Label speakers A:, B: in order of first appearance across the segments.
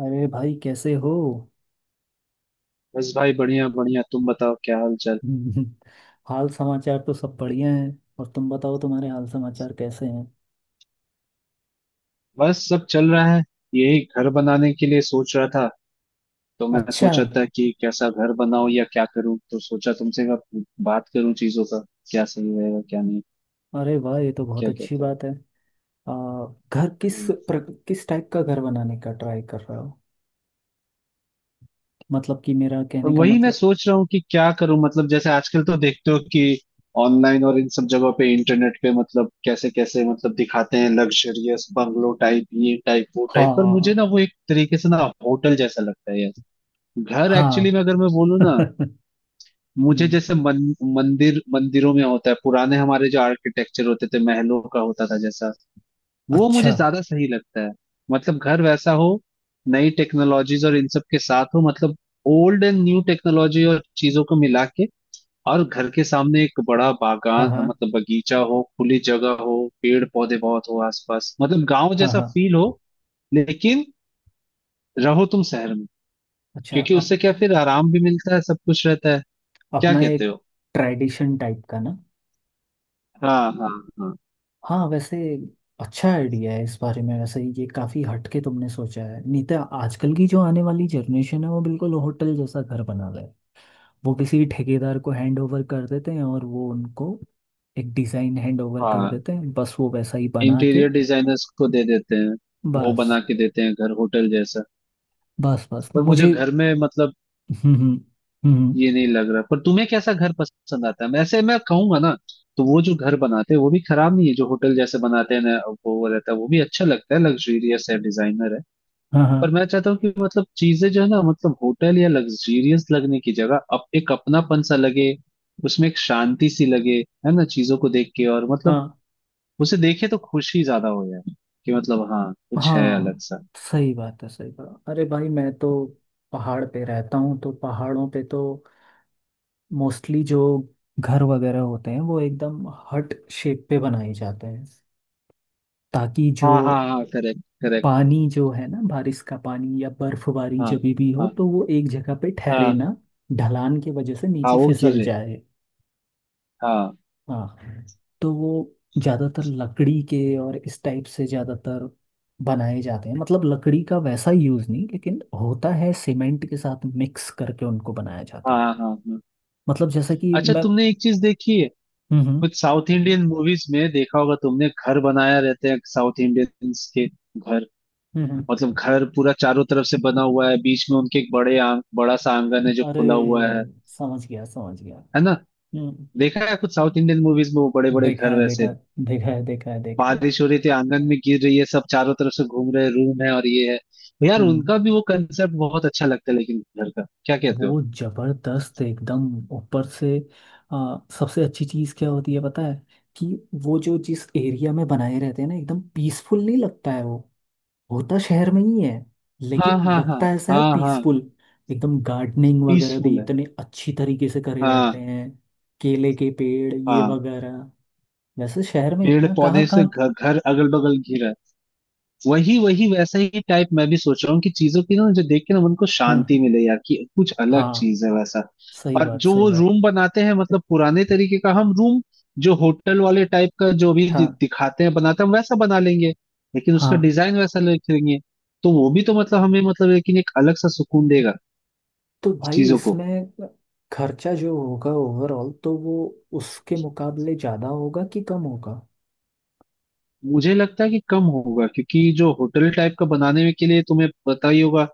A: अरे भाई कैसे हो।
B: बस भाई, बढ़िया बढ़िया। तुम बताओ, क्या हाल चाल?
A: हाल समाचार तो सब बढ़िया है। और तुम बताओ, तुम्हारे हाल समाचार कैसे हैं?
B: बस सब चल रहा है। यही घर बनाने के लिए सोच रहा था। तो मैं
A: अच्छा।
B: सोचा था कि कैसा घर बनाऊं या क्या करूं, तो सोचा तुमसे अब बात करूं चीजों का। क्या सही रहेगा क्या नहीं।
A: अरे वाह, ये तो बहुत
B: क्या
A: अच्छी
B: कहते हो?
A: बात है। आ, घर किस
B: हम्म।
A: प्र, किस टाइप का घर बनाने का ट्राई कर रहे हो? मतलब कि मेरा
B: और
A: कहने का
B: वही मैं
A: मतलब।
B: सोच रहा हूँ कि क्या करूं। मतलब जैसे आजकल तो देखते हो कि ऑनलाइन और इन सब जगहों पे, इंटरनेट पे, मतलब कैसे कैसे मतलब दिखाते हैं। लग्जरियस बंगलो टाइप, ये टाइप वो टाइप, पर
A: हाँ
B: मुझे ना वो एक तरीके से ना होटल जैसा लगता है यार। घर
A: हाँ।
B: एक्चुअली में, अगर मैं बोलूँ ना।
A: हम्म।
B: मुझे जैसे मंदिर, मंदिरों में होता है पुराने हमारे जो आर्किटेक्चर होते थे, महलों का होता था जैसा, वो
A: अच्छा।
B: मुझे ज्यादा सही लगता है। मतलब घर वैसा हो, नई टेक्नोलॉजीज और इन सब के साथ हो। मतलब ओल्ड एंड न्यू टेक्नोलॉजी और चीजों को मिला के। और घर के सामने एक बड़ा
A: हाँ
B: बागान,
A: हाँ,
B: मतलब बगीचा हो, खुली जगह हो, पेड़ पौधे बहुत हो आसपास, मतलब गांव
A: हाँ
B: जैसा
A: हाँ।
B: फील हो, लेकिन रहो तुम शहर में।
A: अच्छा।
B: क्योंकि उससे क्या, फिर आराम भी मिलता है, सब कुछ रहता है। क्या
A: अपना
B: कहते
A: एक
B: हो?
A: ट्रेडिशन टाइप का ना।
B: हाँ, हाँ। हाँ,
A: हाँ वैसे। अच्छा आइडिया है इस बारे में। वैसे ये काफ़ी हटके तुमने सोचा है, नहीं तो आजकल की जो आने वाली जनरेशन है वो बिल्कुल होटल जैसा घर बना रहे है। वो किसी ठेकेदार को हैंड ओवर कर देते हैं और वो उनको एक डिज़ाइन हैंड ओवर कर
B: हाँ।
A: देते हैं, बस वो वैसा ही बना के।
B: इंटीरियर डिजाइनर्स को दे देते हैं। वो
A: बस
B: बना के देते हैं, घर होटल जैसा।
A: बस बस,
B: पर मुझे
A: मुझे।
B: घर में, मतलब
A: हम्म। हम्म, हम्म।
B: ये नहीं लग रहा। पर तुम्हें कैसा घर पसंद आता है? वैसे मैं कहूंगा ना, तो वो जो घर बनाते हैं वो भी खराब नहीं है, जो होटल जैसे बनाते हैं ना, वो रहता है, वो भी अच्छा लगता है, लग्जूरियस है, डिजाइनर है।
A: हाँ हाँ,
B: पर मैं चाहता हूँ कि मतलब चीजें जो है ना, मतलब होटल या लग्जूरियस लगने की जगह अब एक अपनापन सा लगे, उसमें एक शांति सी लगे, है ना? चीजों को देख के और मतलब
A: हाँ
B: उसे देखे तो खुशी ज्यादा हो यार। कि मतलब, हाँ, कुछ है
A: हाँ।
B: अलग सा।
A: सही बात है, सही बात। अरे भाई मैं तो पहाड़ पे रहता हूँ, तो पहाड़ों पे तो मोस्टली जो घर वगैरह होते हैं वो एकदम हट शेप पे बनाए जाते हैं। ताकि जो
B: हाँ, हाँ, हाँ, करेक्ट, करेक्ट।
A: पानी, जो है ना बारिश का पानी या बर्फबारी,
B: हाँ,
A: जब भी हो
B: हाँ,
A: तो वो एक जगह पे ठहरे
B: हाँ,
A: ना। ढलान की वजह से
B: हाँ,
A: नीचे
B: वो गिर
A: फिसल
B: रहे।
A: जाए।
B: हाँ,
A: हाँ। तो वो ज़्यादातर लकड़ी के और इस टाइप से ज़्यादातर बनाए जाते हैं, मतलब लकड़ी का वैसा यूज़ नहीं लेकिन होता है, सीमेंट के साथ मिक्स करके उनको बनाया जाता
B: हाँ,
A: है।
B: हाँ, हाँ।
A: मतलब जैसे कि
B: अच्छा
A: मैं।
B: तुमने एक चीज देखी है,
A: हम्म।
B: कुछ साउथ इंडियन मूवीज में देखा होगा तुमने, घर बनाया रहते हैं साउथ इंडियंस के घर।
A: हम्म।
B: मतलब घर पूरा चारों तरफ से बना हुआ है, बीच में उनके एक बड़ा सा आंगन है जो
A: अरे,
B: खुला हुआ है।
A: समझ गया समझ गया।
B: है ना?
A: हम्म।
B: देखा है कुछ साउथ इंडियन मूवीज में, वो बड़े बड़े
A: देखा
B: घर
A: है, देखा
B: वैसे।
A: है, देखा है, देखा है, देखा है।
B: बारिश हो रही थी, आंगन में गिर रही है, सब चारों तरफ से घूम रहे हैं, रूम है और ये है। यार,
A: हम्म।
B: उनका भी वो कंसेप्ट बहुत अच्छा लगता है, लेकिन घर का, क्या कहते हो?
A: वो जबरदस्त एकदम। ऊपर से। सबसे अच्छी चीज क्या होती है पता है? कि वो जो, जिस एरिया में बनाए रहते हैं ना, एकदम पीसफुल नहीं लगता है वो। होता शहर में ही है,
B: हाँ,
A: लेकिन
B: हाँ, हाँ,
A: लगता ऐसा है
B: हाँ, हाँ,
A: पीसफुल। एकदम गार्डनिंग वगैरह भी
B: पीसफुल है।
A: इतने अच्छी तरीके से करे रहते
B: हाँ,
A: हैं। केले के पेड़, ये
B: हाँ।
A: वगैरह। वैसे शहर में
B: पेड़
A: इतना कहाँ
B: पौधे से
A: कहाँ।
B: घर, घर अगल बगल घिरा है। वही वही वैसा ही टाइप मैं भी सोच रहा हूँ, कि चीजों की ना मुझे देख के ना मन को
A: हाँ
B: शांति मिले यार, कि कुछ अलग
A: हाँ।
B: चीज है वैसा।
A: सही
B: और
A: बात,
B: जो
A: सही
B: वो
A: बात।
B: रूम बनाते हैं, मतलब पुराने तरीके का हम रूम, जो होटल वाले टाइप का जो भी
A: हाँ
B: दिखाते हैं बनाते हैं, हम वैसा बना लेंगे। लेकिन
A: हाँ।
B: उसका डिजाइन वैसा रखेंगे। तो वो भी तो मतलब हमें, मतलब लेकिन एक अलग सा सुकून देगा
A: तो भाई
B: चीजों को।
A: इसमें खर्चा जो होगा ओवरऑल तो वो उसके मुकाबले ज़्यादा होगा कि कम होगा?
B: मुझे लगता है कि कम होगा, क्योंकि जो होटल टाइप का बनाने में के लिए तुम्हें पता ही होगा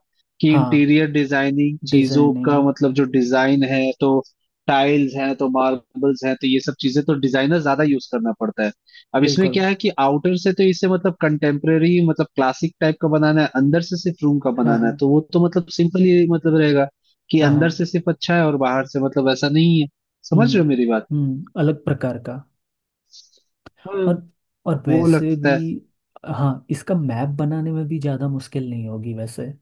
B: कि
A: हाँ।
B: इंटीरियर डिजाइनिंग चीजों का
A: डिजाइनिंग।
B: मतलब जो डिजाइन है तो, टाइल्स हैं तो, मार्बल्स हैं तो, ये सब चीजें तो डिजाइनर ज्यादा यूज करना पड़ता है। अब इसमें
A: बिल्कुल।
B: क्या है कि आउटर से तो इसे मतलब कंटेम्प्रेरी, मतलब क्लासिक टाइप का बनाना है, अंदर से सिर्फ रूम का
A: हाँ
B: बनाना है,
A: हाँ।
B: तो वो तो मतलब सिंपल ही मतलब रहेगा। कि
A: हाँ हाँ।
B: अंदर से सिर्फ अच्छा है और बाहर से मतलब ऐसा नहीं है।
A: हम्म
B: समझ रहे हो मेरी बात?
A: हम्म, अलग प्रकार का।
B: हम्म।
A: और। और
B: वो
A: वैसे
B: लगता
A: भी।
B: है।
A: हाँ, इसका मैप बनाने में भी ज़्यादा मुश्किल नहीं होगी वैसे।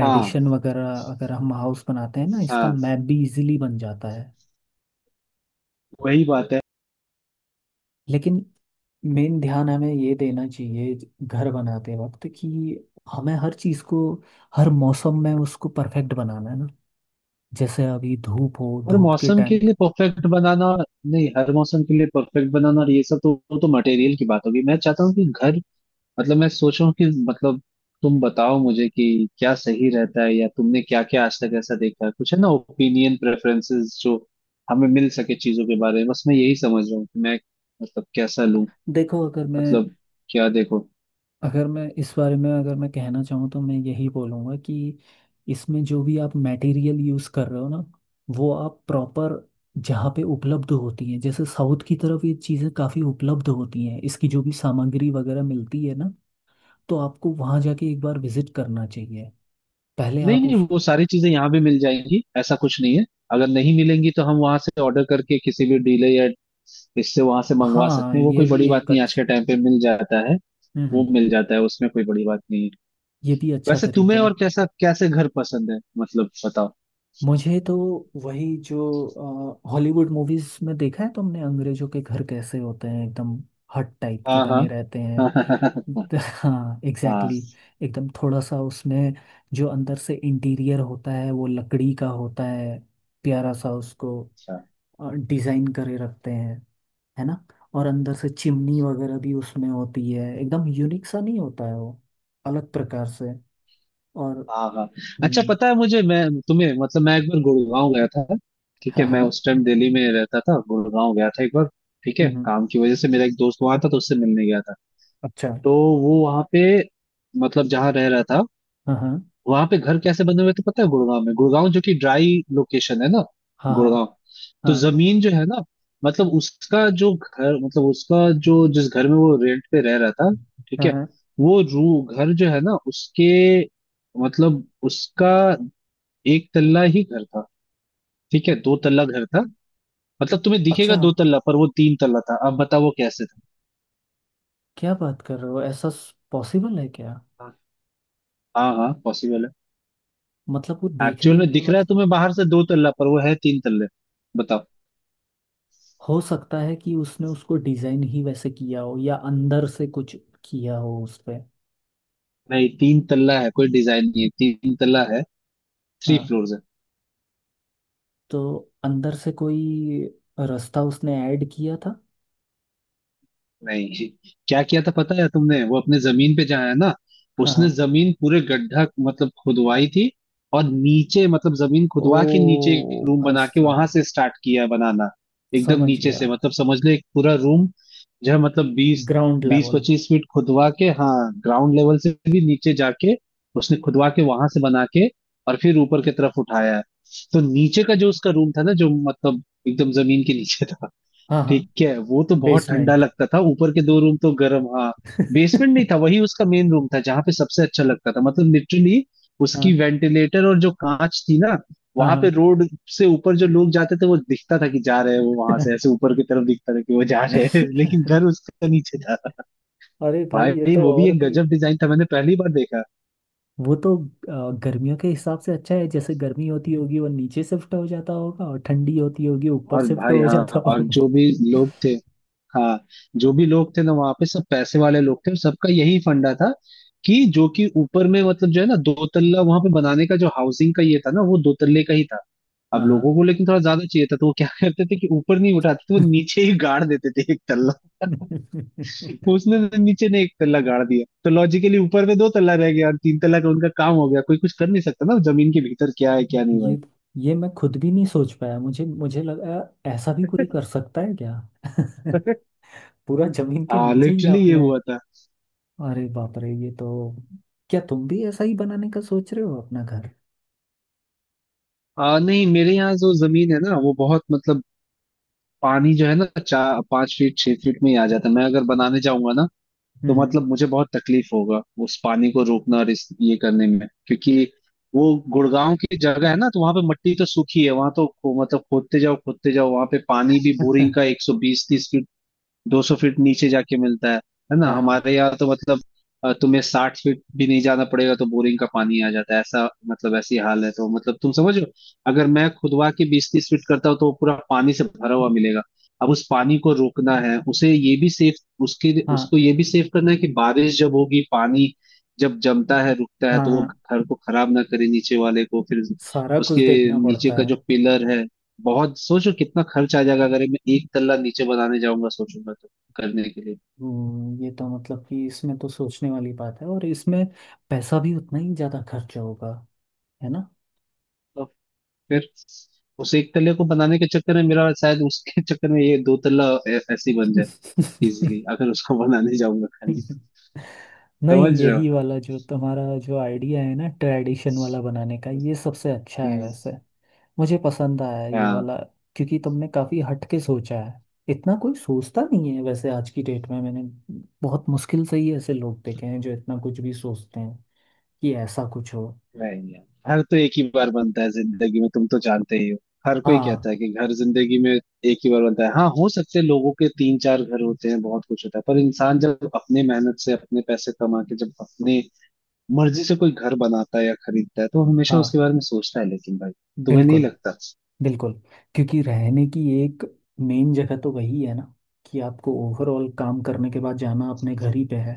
B: हाँ,
A: वगैरह अगर हम हाउस बनाते हैं ना, इसका
B: हाँ,
A: मैप भी इजीली बन जाता है।
B: वही बात है।
A: लेकिन मेन ध्यान हमें ये देना चाहिए घर बनाते वक्त कि हमें हर चीज़ को हर मौसम में उसको परफेक्ट बनाना है ना। जैसे अभी धूप हो,
B: हर
A: धूप के
B: मौसम
A: टाइम।
B: के लिए परफेक्ट बनाना। नहीं, हर मौसम के लिए परफेक्ट बनाना और ये सब तो, वो तो मटेरियल की बात होगी। मैं चाहता हूँ कि घर, मतलब मैं सोच रहा हूँ कि मतलब, तुम बताओ मुझे कि क्या सही रहता है, या तुमने क्या क्या आज तक ऐसा देखा है, कुछ है ना ओपिनियन प्रेफरेंसेस जो हमें मिल सके चीजों के बारे में। बस मैं यही समझ रहा हूँ कि मैं मतलब कैसा लूँ,
A: देखो, अगर मैं
B: मतलब क्या देखो।
A: अगर मैं इस बारे में, अगर मैं कहना चाहूँ तो मैं यही बोलूँगा कि इसमें जो भी आप मटेरियल यूज़ कर रहे हो ना, वो आप प्रॉपर, जहाँ पे उपलब्ध होती हैं, जैसे साउथ की तरफ ये चीज़ें काफ़ी उपलब्ध होती हैं, इसकी जो भी सामग्री वगैरह मिलती है ना, तो आपको वहां जाके एक बार विजिट करना चाहिए, पहले
B: नहीं,
A: आप
B: नहीं,
A: उसको।
B: वो सारी चीजें यहाँ भी मिल जाएंगी, ऐसा कुछ नहीं है। अगर नहीं मिलेंगी तो हम वहां से ऑर्डर करके किसी भी डीलर या इससे वहां से मंगवा
A: हाँ,
B: सकते हैं, वो
A: ये
B: कोई
A: भी
B: बड़ी बात
A: एक
B: नहीं है, आज
A: अच्छा।
B: के टाइम पे मिल जाता है। वो
A: हम्म।
B: मिल जाता है, उसमें कोई बड़ी बात नहीं है।
A: ये भी अच्छा
B: वैसे तुम्हें
A: तरीका है।
B: और कैसा, कैसे घर पसंद है, मतलब बताओ।
A: मुझे तो वही, जो हॉलीवुड मूवीज में देखा है तुमने, अंग्रेजों के घर कैसे होते हैं, एकदम हट टाइप के
B: हाँ, हाँ,
A: बने रहते हैं।
B: हाँ। हाँ,
A: हाँ
B: हाँ,
A: एग्जैक्टली exactly, एकदम थोड़ा सा उसमें जो अंदर से इंटीरियर होता है वो लकड़ी का होता है। प्यारा सा उसको
B: अच्छा।
A: डिजाइन करे रखते हैं। है ना। और अंदर से चिमनी वगैरह भी उसमें होती है, एकदम यूनिक सा नहीं होता है वो? अलग प्रकार से। और।
B: हाँ, हाँ। अच्छा
A: हम्म,
B: पता है मुझे, मैं तुम्हें मतलब, मैं एक बार गुड़गांव गया था। ठीक है?
A: हाँ
B: मैं
A: हाँ।
B: उस टाइम दिल्ली में रहता था, गुड़गांव गया था एक बार। ठीक है?
A: हम्म हम्म,
B: काम की वजह से, मेरा एक दोस्त वहां था तो उससे मिलने गया था।
A: अच्छा।
B: तो वो वहां पे मतलब जहाँ रह रहा था,
A: हाँ हाँ
B: वहां पे घर कैसे बने हुए थे पता है? गुड़गांव में, गुड़गांव जो कि ड्राई लोकेशन है ना,
A: हाँ,
B: गुड़गांव। तो
A: हाँ
B: जमीन जो है ना, मतलब उसका जो घर, मतलब उसका, जो जिस घर में वो रेंट पे रह रहा था, ठीक
A: हाँ
B: है।
A: हाँ हाँ।
B: वो रू घर जो है ना, उसके मतलब उसका, एक तल्ला ही घर था। ठीक है? दो तल्ला घर था, मतलब तुम्हें दिखेगा
A: अच्छा।
B: दो तल्ला, पर वो तीन तल्ला था। अब बताओ वो कैसे था।
A: क्या बात कर रहे हो, ऐसा पॉसिबल है क्या?
B: हाँ, हाँ, पॉसिबल है।
A: मतलब वो
B: एक्चुअल
A: देखने
B: में
A: में
B: दिख रहा है
A: मतलब।
B: तुम्हें बाहर से दो तल्ला, पर वो है तीन तल्ले। बताओ।
A: हो सकता है कि उसने उसको डिजाइन ही वैसे किया हो, या अंदर से कुछ किया हो उस पे।
B: नहीं, तीन तल्ला है, कोई डिजाइन नहीं है, तीन तल्ला है। थ्री
A: हाँ।
B: फ्लोर्स है।
A: तो अंदर से कोई रास्ता उसने ऐड किया था?
B: नहीं, क्या किया था पता है तुमने? वो अपने जमीन पे जहाँ है ना,
A: हाँ
B: उसने
A: हाँ।
B: जमीन पूरे गड्ढा मतलब खुदवाई थी। और नीचे मतलब जमीन
A: ओ
B: खुदवा के नीचे, एक रूम
A: भाई
B: बना के वहां
A: साहब!
B: से स्टार्ट किया बनाना। एकदम
A: समझ
B: नीचे से,
A: गया।
B: मतलब समझ ले एक पूरा रूम जो है मतलब, बीस
A: ग्राउंड
B: बीस
A: लेवल।
B: पच्चीस फीट खुदवा के, हाँ, ग्राउंड लेवल से भी नीचे जाके उसने खुदवा के वहां से बना के और फिर ऊपर की तरफ उठाया है। तो नीचे का जो उसका रूम था ना, जो मतलब एकदम जमीन के नीचे था,
A: हाँ हाँ।
B: ठीक है? वो तो बहुत ठंडा
A: बेसमेंट।
B: लगता था, ऊपर के दो रूम तो गर्म। हाँ। बेसमेंट नहीं था, वही उसका मेन रूम था जहां पे सबसे अच्छा लगता था, मतलब लिटरली। उसकी
A: हाँ
B: वेंटिलेटर और जो कांच थी ना, वहां पे
A: हाँ।
B: रोड से ऊपर जो लोग जाते थे, वो दिखता था कि जा रहे हैं, वो वहां से ऐसे
A: हाँ।
B: ऊपर की तरफ दिखता था कि वो जा रहे हैं लेकिन घर उसका नीचे था।
A: अरे भाई, ये
B: भाई
A: तो
B: वो भी
A: और
B: एक
A: भी।
B: गजब डिजाइन था, मैंने पहली बार देखा।
A: वो तो गर्मियों के हिसाब से अच्छा है, जैसे गर्मी होती होगी वो नीचे शिफ्ट हो जाता होगा और ठंडी होती होगी ऊपर
B: और
A: शिफ्ट
B: भाई,
A: हो जाता
B: हाँ, और
A: होगा।
B: जो भी लोग थे, हाँ, जो भी लोग थे ना वहां पे, सब पैसे वाले लोग थे और सबका यही फंडा था, कि जो कि ऊपर में मतलब, जो है ना, दो तल्ला वहां पे बनाने का जो हाउसिंग का ये था ना, वो दो तल्ले का ही था। अब
A: हाँ हाँ।
B: लोगों को लेकिन थोड़ा ज्यादा चाहिए था, तो वो क्या करते थे कि ऊपर नहीं उठाते थे, वो नीचे ही गाड़ देते थे एक तल्ला। उसने तो नीचे ने एक तल्ला गाड़ दिया, तो लॉजिकली ऊपर में दो तल्ला रह गया और तीन तल्ला का उनका काम हो गया। कोई कुछ कर नहीं सकता ना, जमीन के भीतर क्या है क्या नहीं।
A: ये ये मैं खुद भी नहीं सोच पाया। मुझे मुझे लगा, ऐसा भी
B: भाई
A: कोई कर सकता है क्या? पूरा जमीन के
B: हाँ,
A: नीचे ही
B: लिटरली ये
A: आपने?
B: हुआ था।
A: अरे बाप रे, ये तो। क्या तुम भी ऐसा ही बनाने का सोच रहे हो अपना घर?
B: नहीं, मेरे यहाँ जो जमीन है ना, वो बहुत मतलब, पानी जो है ना 4-5 फीट, 6 फीट में ही आ जाता है। मैं अगर बनाने जाऊंगा ना, तो
A: हम्म।
B: मतलब मुझे बहुत तकलीफ होगा उस पानी को रोकना और इस ये करने में। क्योंकि वो गुड़गांव की जगह है ना, तो वहां पे मट्टी तो सूखी है, वहां तो मतलब खोदते जाओ खोदते जाओ, वहां पे पानी भी बोरिंग का 120-130, 200 फीट नीचे जाके मिलता है। है ना?
A: हाँ
B: हमारे यहाँ तो मतलब तुम्हें 60 फीट भी नहीं जाना पड़ेगा तो बोरिंग का पानी आ जाता है, ऐसा मतलब ऐसी हाल है, तो मतलब तुम समझो। अगर मैं खुदवा के 20-30 फीट करता हूँ, तो वो पूरा पानी से भरा हुआ मिलेगा। अब उस पानी को रोकना है, उसे ये भी सेफ, उसके
A: हाँ,
B: उसको ये भी सेफ करना है कि बारिश जब होगी, पानी जब जमता है रुकता है,
A: हाँ
B: तो
A: हाँ।
B: वो घर को खराब ना करे, नीचे वाले को फिर।
A: सारा कुछ
B: उसके,
A: देखना
B: नीचे
A: पड़ता
B: का
A: है।
B: जो पिलर है, बहुत सोचो कितना खर्च आ जाएगा अगर मैं एक तल्ला नीचे बनाने जाऊंगा, सोचूंगा तो, करने के लिए।
A: ये तो मतलब कि इसमें तो सोचने वाली बात है, और इसमें पैसा भी उतना ही ज्यादा खर्चा होगा। है ना।
B: तो फिर उस एक तल्ले को बनाने के चक्कर में मेरा, शायद उसके चक्कर में ये दो तल्ला ऐसे ही बन जाए इजीली, अगर उसको बनाने जाऊंगा खाली।
A: नहीं,
B: समझ रहे
A: यही
B: हो?
A: वाला जो तुम्हारा जो आइडिया है ना, ट्रेडिशन वाला बनाने का, ये सबसे अच्छा है
B: हम्म,
A: वैसे। मुझे पसंद आया ये
B: हाँ,
A: वाला। क्योंकि तुमने काफी हट के सोचा है। इतना कोई सोचता नहीं है वैसे आज की डेट में। मैंने बहुत मुश्किल से ही ऐसे लोग देखे हैं जो इतना कुछ भी सोचते हैं कि ऐसा कुछ हो।
B: वही है। घर तो एक ही बार बनता है जिंदगी में, तुम तो जानते ही हो। हर कोई
A: हाँ
B: कहता है कि घर जिंदगी में एक ही बार बनता है, हाँ, हो सकते हैं लोगों के तीन चार घर होते हैं, बहुत कुछ होता है, पर इंसान जब अपने मेहनत से अपने पैसे कमा के, जब अपने मर्जी से कोई घर बनाता है या खरीदता है, तो वो हमेशा उसके
A: हाँ,
B: बारे में सोचता है, लेकिन भाई। तुम्हें नहीं
A: बिल्कुल
B: लगता?
A: बिल्कुल। क्योंकि रहने की एक मेन जगह तो वही है ना, कि आपको ओवरऑल काम करने के बाद जाना अपने घर ही पे है।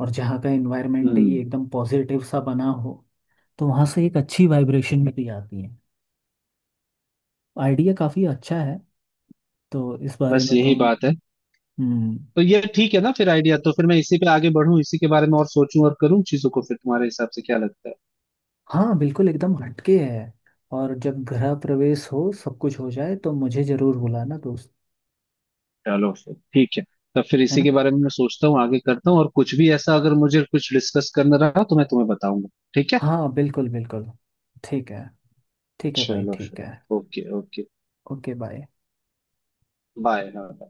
A: और जहाँ का एनवायरनमेंट ही
B: हम्म।
A: एकदम पॉजिटिव सा बना हो, तो वहाँ से एक अच्छी वाइब्रेशन भी आती है। आइडिया काफ़ी अच्छा है। तो इस बारे
B: बस
A: में
B: यही
A: तुम।
B: बात है।
A: हम्म।
B: तो ये ठीक है ना फिर, आइडिया? तो फिर मैं इसी पे आगे बढ़ूं, इसी के बारे में और सोचूं, और करूं चीजों को, फिर तुम्हारे हिसाब से क्या लगता है?
A: हाँ, बिल्कुल एकदम हटके है। और जब गृह प्रवेश हो सब कुछ हो जाए तो मुझे जरूर बुलाना दोस्त।
B: चलो फिर ठीक है। तब फिर
A: है
B: इसी
A: ना।
B: के बारे में मैं सोचता हूँ, आगे करता हूँ, और कुछ भी ऐसा अगर मुझे कुछ डिस्कस करना रहा तो मैं तुम्हें बताऊंगा। ठीक है।
A: हाँ बिल्कुल बिल्कुल। ठीक है। ठीक है भाई,
B: चलो
A: ठीक
B: फिर,
A: है।
B: Okay, okay.
A: Okay, bye.
B: Bye.